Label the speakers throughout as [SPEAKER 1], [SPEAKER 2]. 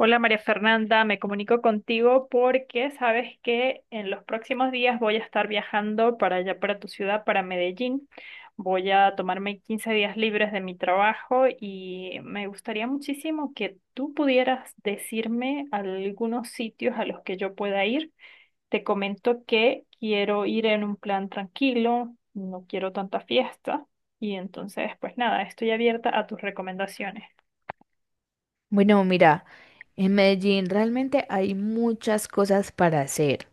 [SPEAKER 1] Hola María Fernanda, me comunico contigo porque sabes que en los próximos días voy a estar viajando para allá, para tu ciudad, para Medellín. Voy a tomarme 15 días libres de mi trabajo y me gustaría muchísimo que tú pudieras decirme algunos sitios a los que yo pueda ir. Te comento que quiero ir en un plan tranquilo, no quiero tanta fiesta y entonces pues nada, estoy abierta a tus recomendaciones.
[SPEAKER 2] Bueno, mira, en Medellín realmente hay muchas cosas para hacer.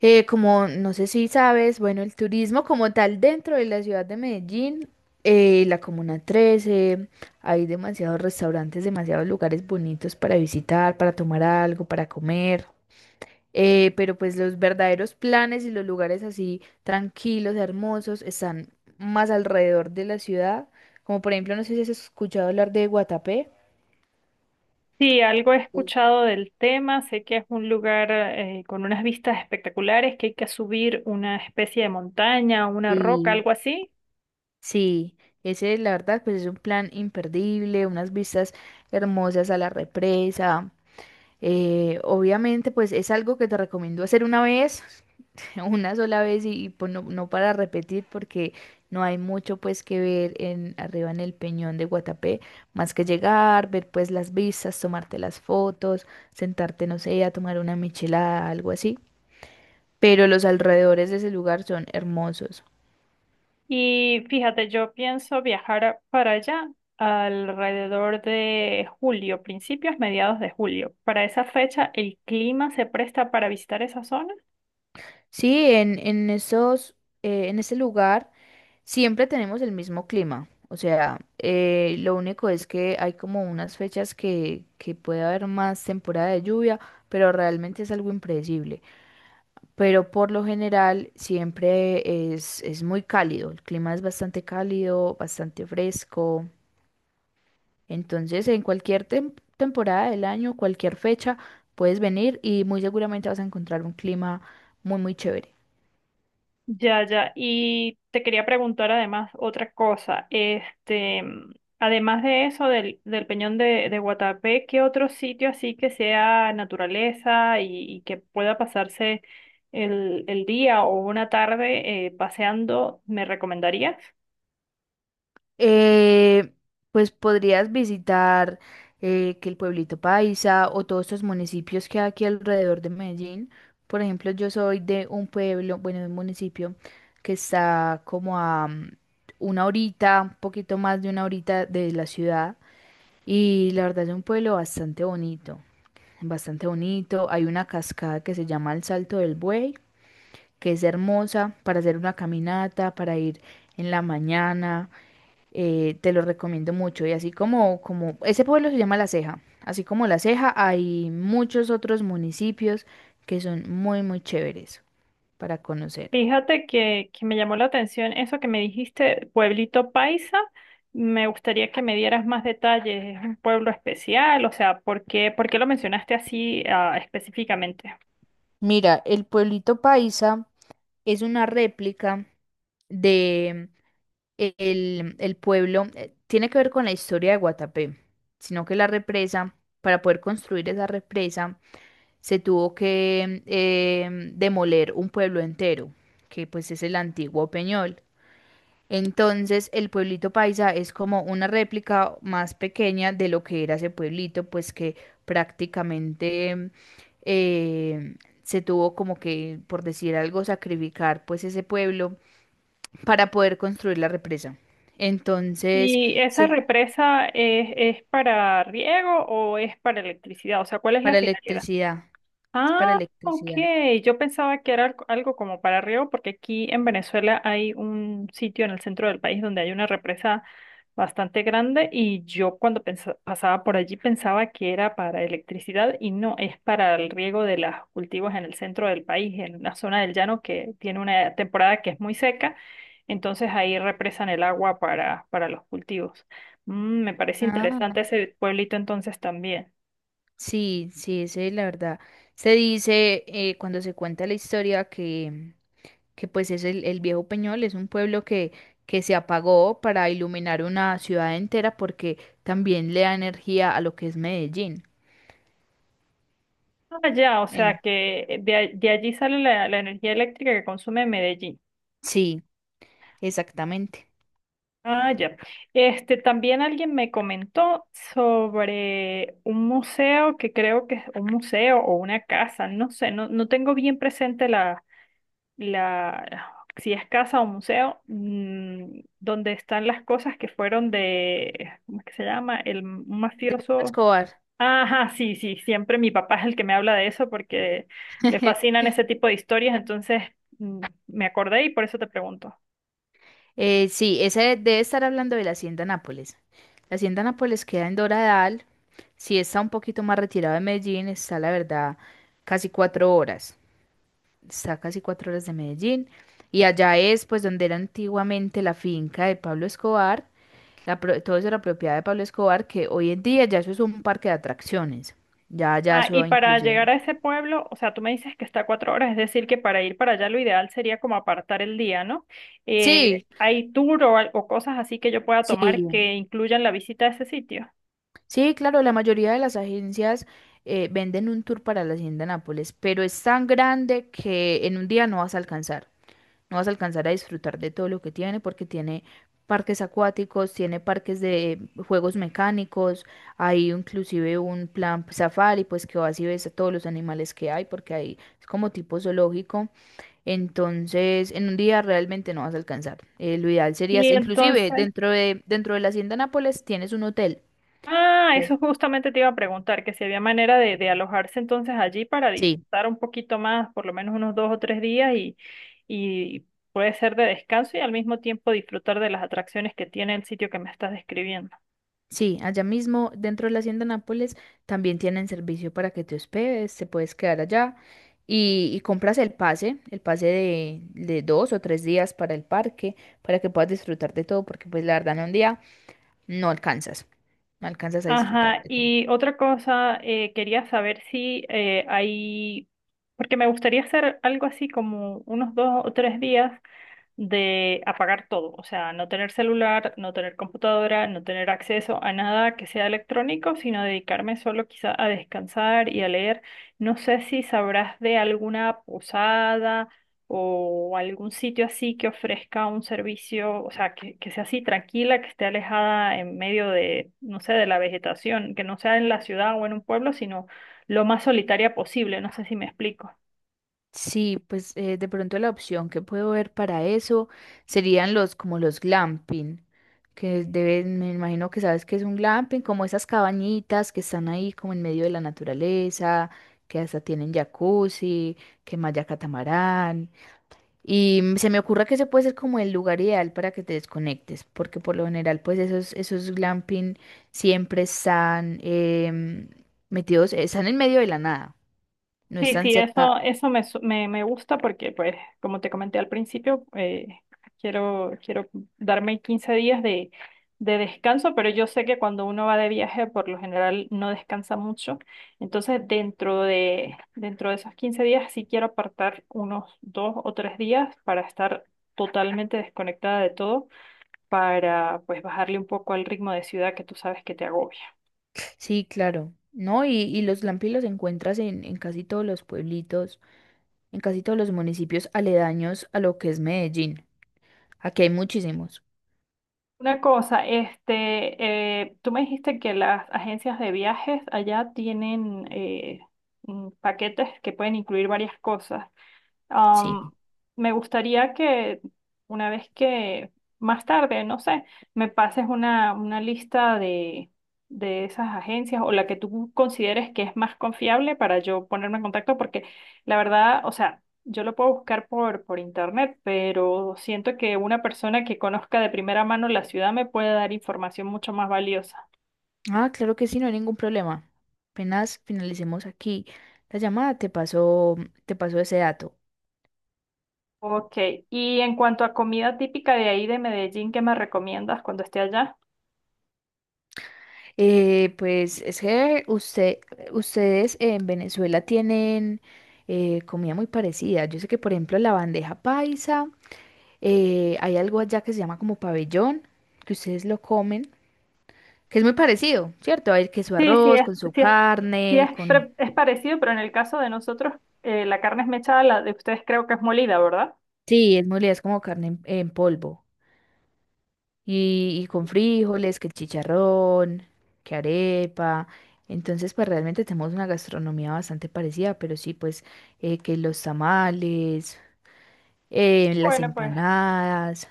[SPEAKER 2] Como no sé si sabes, bueno, el turismo como tal dentro de la ciudad de Medellín, la Comuna 13, hay demasiados restaurantes, demasiados lugares bonitos para visitar, para tomar algo, para comer. Pero pues los verdaderos planes y los lugares así tranquilos, hermosos, están más alrededor de la ciudad. Como por ejemplo, no sé si has escuchado hablar de Guatapé.
[SPEAKER 1] Sí, algo he escuchado del tema, sé que es un lugar con unas vistas espectaculares, que hay que subir una especie de montaña, una roca,
[SPEAKER 2] Sí,
[SPEAKER 1] algo así.
[SPEAKER 2] sí, ese la verdad pues es un plan imperdible, unas vistas hermosas a la represa. Obviamente pues es algo que te recomiendo hacer una vez, una sola vez y pues no, no para repetir porque no hay mucho pues que ver en arriba en el Peñón de Guatapé, más que llegar, ver pues las vistas, tomarte las fotos, sentarte no sé, a tomar una michelada, algo así. Pero los alrededores de ese lugar son hermosos.
[SPEAKER 1] Y fíjate, yo pienso viajar para allá alrededor de julio, principios, mediados de julio. Para esa fecha, ¿el clima se presta para visitar esa zona?
[SPEAKER 2] Sí, en esos, en ese lugar. Siempre tenemos el mismo clima, o sea, lo único es que hay como unas fechas que puede haber más temporada de lluvia, pero realmente es algo impredecible. Pero por lo general siempre es muy cálido, el clima es bastante cálido, bastante fresco. Entonces, en cualquier temporada del año, cualquier fecha, puedes venir y muy seguramente vas a encontrar un clima muy, muy chévere.
[SPEAKER 1] Ya, ya. Y te quería preguntar además otra cosa. Este, además de eso, del Peñón de Guatapé, ¿qué otro sitio así que sea naturaleza y que pueda pasarse el día o una tarde paseando me recomendarías?
[SPEAKER 2] Eh, pues podrías visitar que el pueblito Paisa o todos estos municipios que hay aquí alrededor de Medellín. Por ejemplo, yo soy de un pueblo, bueno, de un municipio que está como a una horita, un poquito más de una horita de la ciudad. Y la verdad es un pueblo bastante bonito, bastante bonito. Hay una cascada que se llama el Salto del Buey, que es hermosa para hacer una caminata, para ir en la mañana te lo recomiendo mucho. Y así como ese pueblo se llama La Ceja. Así como La Ceja, hay muchos otros municipios que son muy, muy chéveres para conocer.
[SPEAKER 1] Fíjate que me llamó la atención eso que me dijiste, Pueblito Paisa. Me gustaría que me dieras más detalles. ¿Es un pueblo especial? O sea, ¿por qué lo mencionaste así, ah, específicamente?
[SPEAKER 2] Mira, el pueblito Paisa es una réplica de el pueblo, tiene que ver con la historia de Guatapé, sino que la represa, para poder construir esa represa, se tuvo que demoler un pueblo entero, que pues es el antiguo Peñol. Entonces, el pueblito paisa es como una réplica más pequeña de lo que era ese pueblito, pues que prácticamente eh, se tuvo como que, por decir algo, sacrificar pues ese pueblo para poder construir la represa. Entonces,
[SPEAKER 1] ¿Y esa
[SPEAKER 2] se-
[SPEAKER 1] represa es para riego o es para electricidad? O sea, ¿cuál es la
[SPEAKER 2] para
[SPEAKER 1] finalidad?
[SPEAKER 2] electricidad, es para
[SPEAKER 1] Ah, ok.
[SPEAKER 2] electricidad.
[SPEAKER 1] Yo pensaba que era algo algo como para arriba, porque aquí en Venezuela hay un sitio en el centro del país donde hay una represa bastante grande y yo cuando pasaba por allí pensaba que era para electricidad y no, es para el riego de los cultivos en el centro del país, en la zona del llano que tiene una temporada que es muy seca, entonces ahí represan el agua para los cultivos. Me parece
[SPEAKER 2] Ah,
[SPEAKER 1] interesante ese pueblito entonces también.
[SPEAKER 2] sí, sí, ese, la verdad. Se dice cuando se cuenta la historia que pues es el Viejo Peñol, es un pueblo que se apagó para iluminar una ciudad entera porque también le da energía a lo que es Medellín.
[SPEAKER 1] Ah, ya, o sea
[SPEAKER 2] En-
[SPEAKER 1] que de allí sale la energía eléctrica que consume Medellín.
[SPEAKER 2] sí, exactamente.
[SPEAKER 1] Ah, ya. Este, también alguien me comentó sobre un museo que creo que es un museo o una casa, no sé, no tengo bien presente la, si es casa o museo, donde están las cosas que fueron de, ¿cómo es que se llama? El un
[SPEAKER 2] De Pablo
[SPEAKER 1] mafioso.
[SPEAKER 2] Escobar.
[SPEAKER 1] Ajá, sí, sí, siempre mi papá es el que me habla de eso porque le fascinan ese tipo de historias, entonces mm, me acordé y por eso te pregunto.
[SPEAKER 2] Sí, esa debe estar hablando de la Hacienda Nápoles. La Hacienda Nápoles queda en Doradal, sí está un poquito más retirado de Medellín, está la verdad casi cuatro horas, está casi cuatro horas de Medellín. Y allá es pues donde era antiguamente la finca de Pablo Escobar. Todo eso era propiedad de Pablo Escobar, que hoy en día ya eso es un parque de atracciones. Ya, ya
[SPEAKER 1] Ah, y
[SPEAKER 2] eso
[SPEAKER 1] para
[SPEAKER 2] inclusive.
[SPEAKER 1] llegar a ese pueblo, o sea, tú me dices que está a 4 horas, es decir, que para ir para allá lo ideal sería como apartar el día, ¿no?
[SPEAKER 2] Sí,
[SPEAKER 1] ¿Hay tour o cosas así que yo pueda tomar
[SPEAKER 2] sí,
[SPEAKER 1] que incluyan la visita a ese sitio?
[SPEAKER 2] sí, claro, la mayoría de las agencias venden un tour para la Hacienda Nápoles, pero es tan grande que en un día no vas a alcanzar. No vas a alcanzar a disfrutar de todo lo que tiene porque tiene parques acuáticos, tiene parques de juegos mecánicos, hay inclusive un plan safari, pues que vas y ves a todos los animales que hay porque hay, es como tipo zoológico. Entonces, en un día realmente no vas a alcanzar. Lo ideal sería,
[SPEAKER 1] Y
[SPEAKER 2] inclusive
[SPEAKER 1] entonces,
[SPEAKER 2] dentro de la Hacienda Nápoles tienes un hotel.
[SPEAKER 1] Ah,
[SPEAKER 2] Ok.
[SPEAKER 1] eso justamente te iba a preguntar, que si había manera de alojarse entonces allí para
[SPEAKER 2] Sí,
[SPEAKER 1] disfrutar un poquito más, por lo menos unos 2 o 3 días y puede ser de descanso y al mismo tiempo disfrutar de las atracciones que tiene el sitio que me estás describiendo.
[SPEAKER 2] sí, allá mismo dentro de la Hacienda Nápoles también tienen servicio para que te hospedes, te puedes quedar allá y compras el pase de dos o tres días para el parque, para que puedas disfrutar de todo, porque pues la verdad en un día no alcanzas, no alcanzas a disfrutar
[SPEAKER 1] Ajá,
[SPEAKER 2] de todo.
[SPEAKER 1] y otra cosa, quería saber si hay, porque me gustaría hacer algo así como unos 2 o 3 días de apagar todo, o sea, no tener celular, no tener computadora, no tener acceso a nada que sea electrónico, sino dedicarme solo quizá a descansar y a leer. No sé si sabrás de alguna posada o algún sitio así que ofrezca un servicio, o sea, que sea así tranquila, que esté alejada en medio de, no sé, de la vegetación, que no sea en la ciudad o en un pueblo, sino lo más solitaria posible, no sé si me explico.
[SPEAKER 2] Sí, pues de pronto la opción que puedo ver para eso serían los como los glamping, que deben, me imagino que sabes que es un glamping, como esas cabañitas que están ahí como en medio de la naturaleza, que hasta tienen jacuzzi, que malla catamarán. Y se me ocurre que ese puede ser como el lugar ideal para que te desconectes, porque por lo general pues esos glamping siempre están em, metidos, están en medio de la nada, no
[SPEAKER 1] Sí,
[SPEAKER 2] están
[SPEAKER 1] sí,
[SPEAKER 2] cerca.
[SPEAKER 1] eso me gusta porque, pues, como te comenté al principio, quiero darme 15 días de descanso, pero yo sé que cuando uno va de viaje, por lo general no descansa mucho. Entonces, dentro de esos 15 días, sí quiero apartar unos 2 o 3 días para estar totalmente desconectada de todo, para, pues, bajarle un poco al ritmo de ciudad que tú sabes que te agobia.
[SPEAKER 2] Sí, claro. No, y los lampi los encuentras en casi todos los pueblitos, en casi todos los municipios aledaños a lo que es Medellín. Aquí hay muchísimos.
[SPEAKER 1] Una cosa, este, tú me dijiste que las agencias de viajes allá tienen paquetes que pueden incluir varias cosas. Am,
[SPEAKER 2] Sí.
[SPEAKER 1] me gustaría que una vez que más tarde, no sé, me pases una lista de esas agencias o la que tú consideres que es más confiable para yo ponerme en contacto, porque la verdad, o sea, yo lo puedo buscar por internet, pero siento que una persona que conozca de primera mano la ciudad me puede dar información mucho más valiosa.
[SPEAKER 2] Ah, claro que sí, no hay ningún problema. Apenas finalicemos aquí la llamada, te pasó ese dato.
[SPEAKER 1] Ok, y en cuanto a comida típica de ahí de Medellín, ¿qué me recomiendas cuando esté allá?
[SPEAKER 2] Pues es que ustedes en Venezuela tienen comida muy parecida. Yo sé que, por ejemplo, la bandeja paisa. Hay algo allá que se llama como pabellón, que ustedes lo comen, que es muy parecido, ¿cierto? Hay que su
[SPEAKER 1] Sí, sí,
[SPEAKER 2] arroz, con su
[SPEAKER 1] sí es,
[SPEAKER 2] carne, con...
[SPEAKER 1] es parecido, pero en el caso de nosotros, la carne es mechada, la de ustedes creo que es molida, ¿verdad?
[SPEAKER 2] Sí, es muy es como carne en polvo. Y con frijoles, que el chicharrón, que arepa. Entonces, pues realmente tenemos una gastronomía bastante parecida, pero sí, pues que los tamales, las
[SPEAKER 1] Bueno, pues
[SPEAKER 2] empanadas.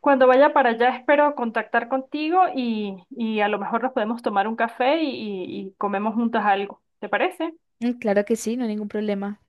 [SPEAKER 1] cuando vaya para allá espero contactar contigo y a lo mejor nos podemos tomar un café y comemos juntas algo. ¿Te parece?
[SPEAKER 2] Mm, claro que sí, no hay ningún problema.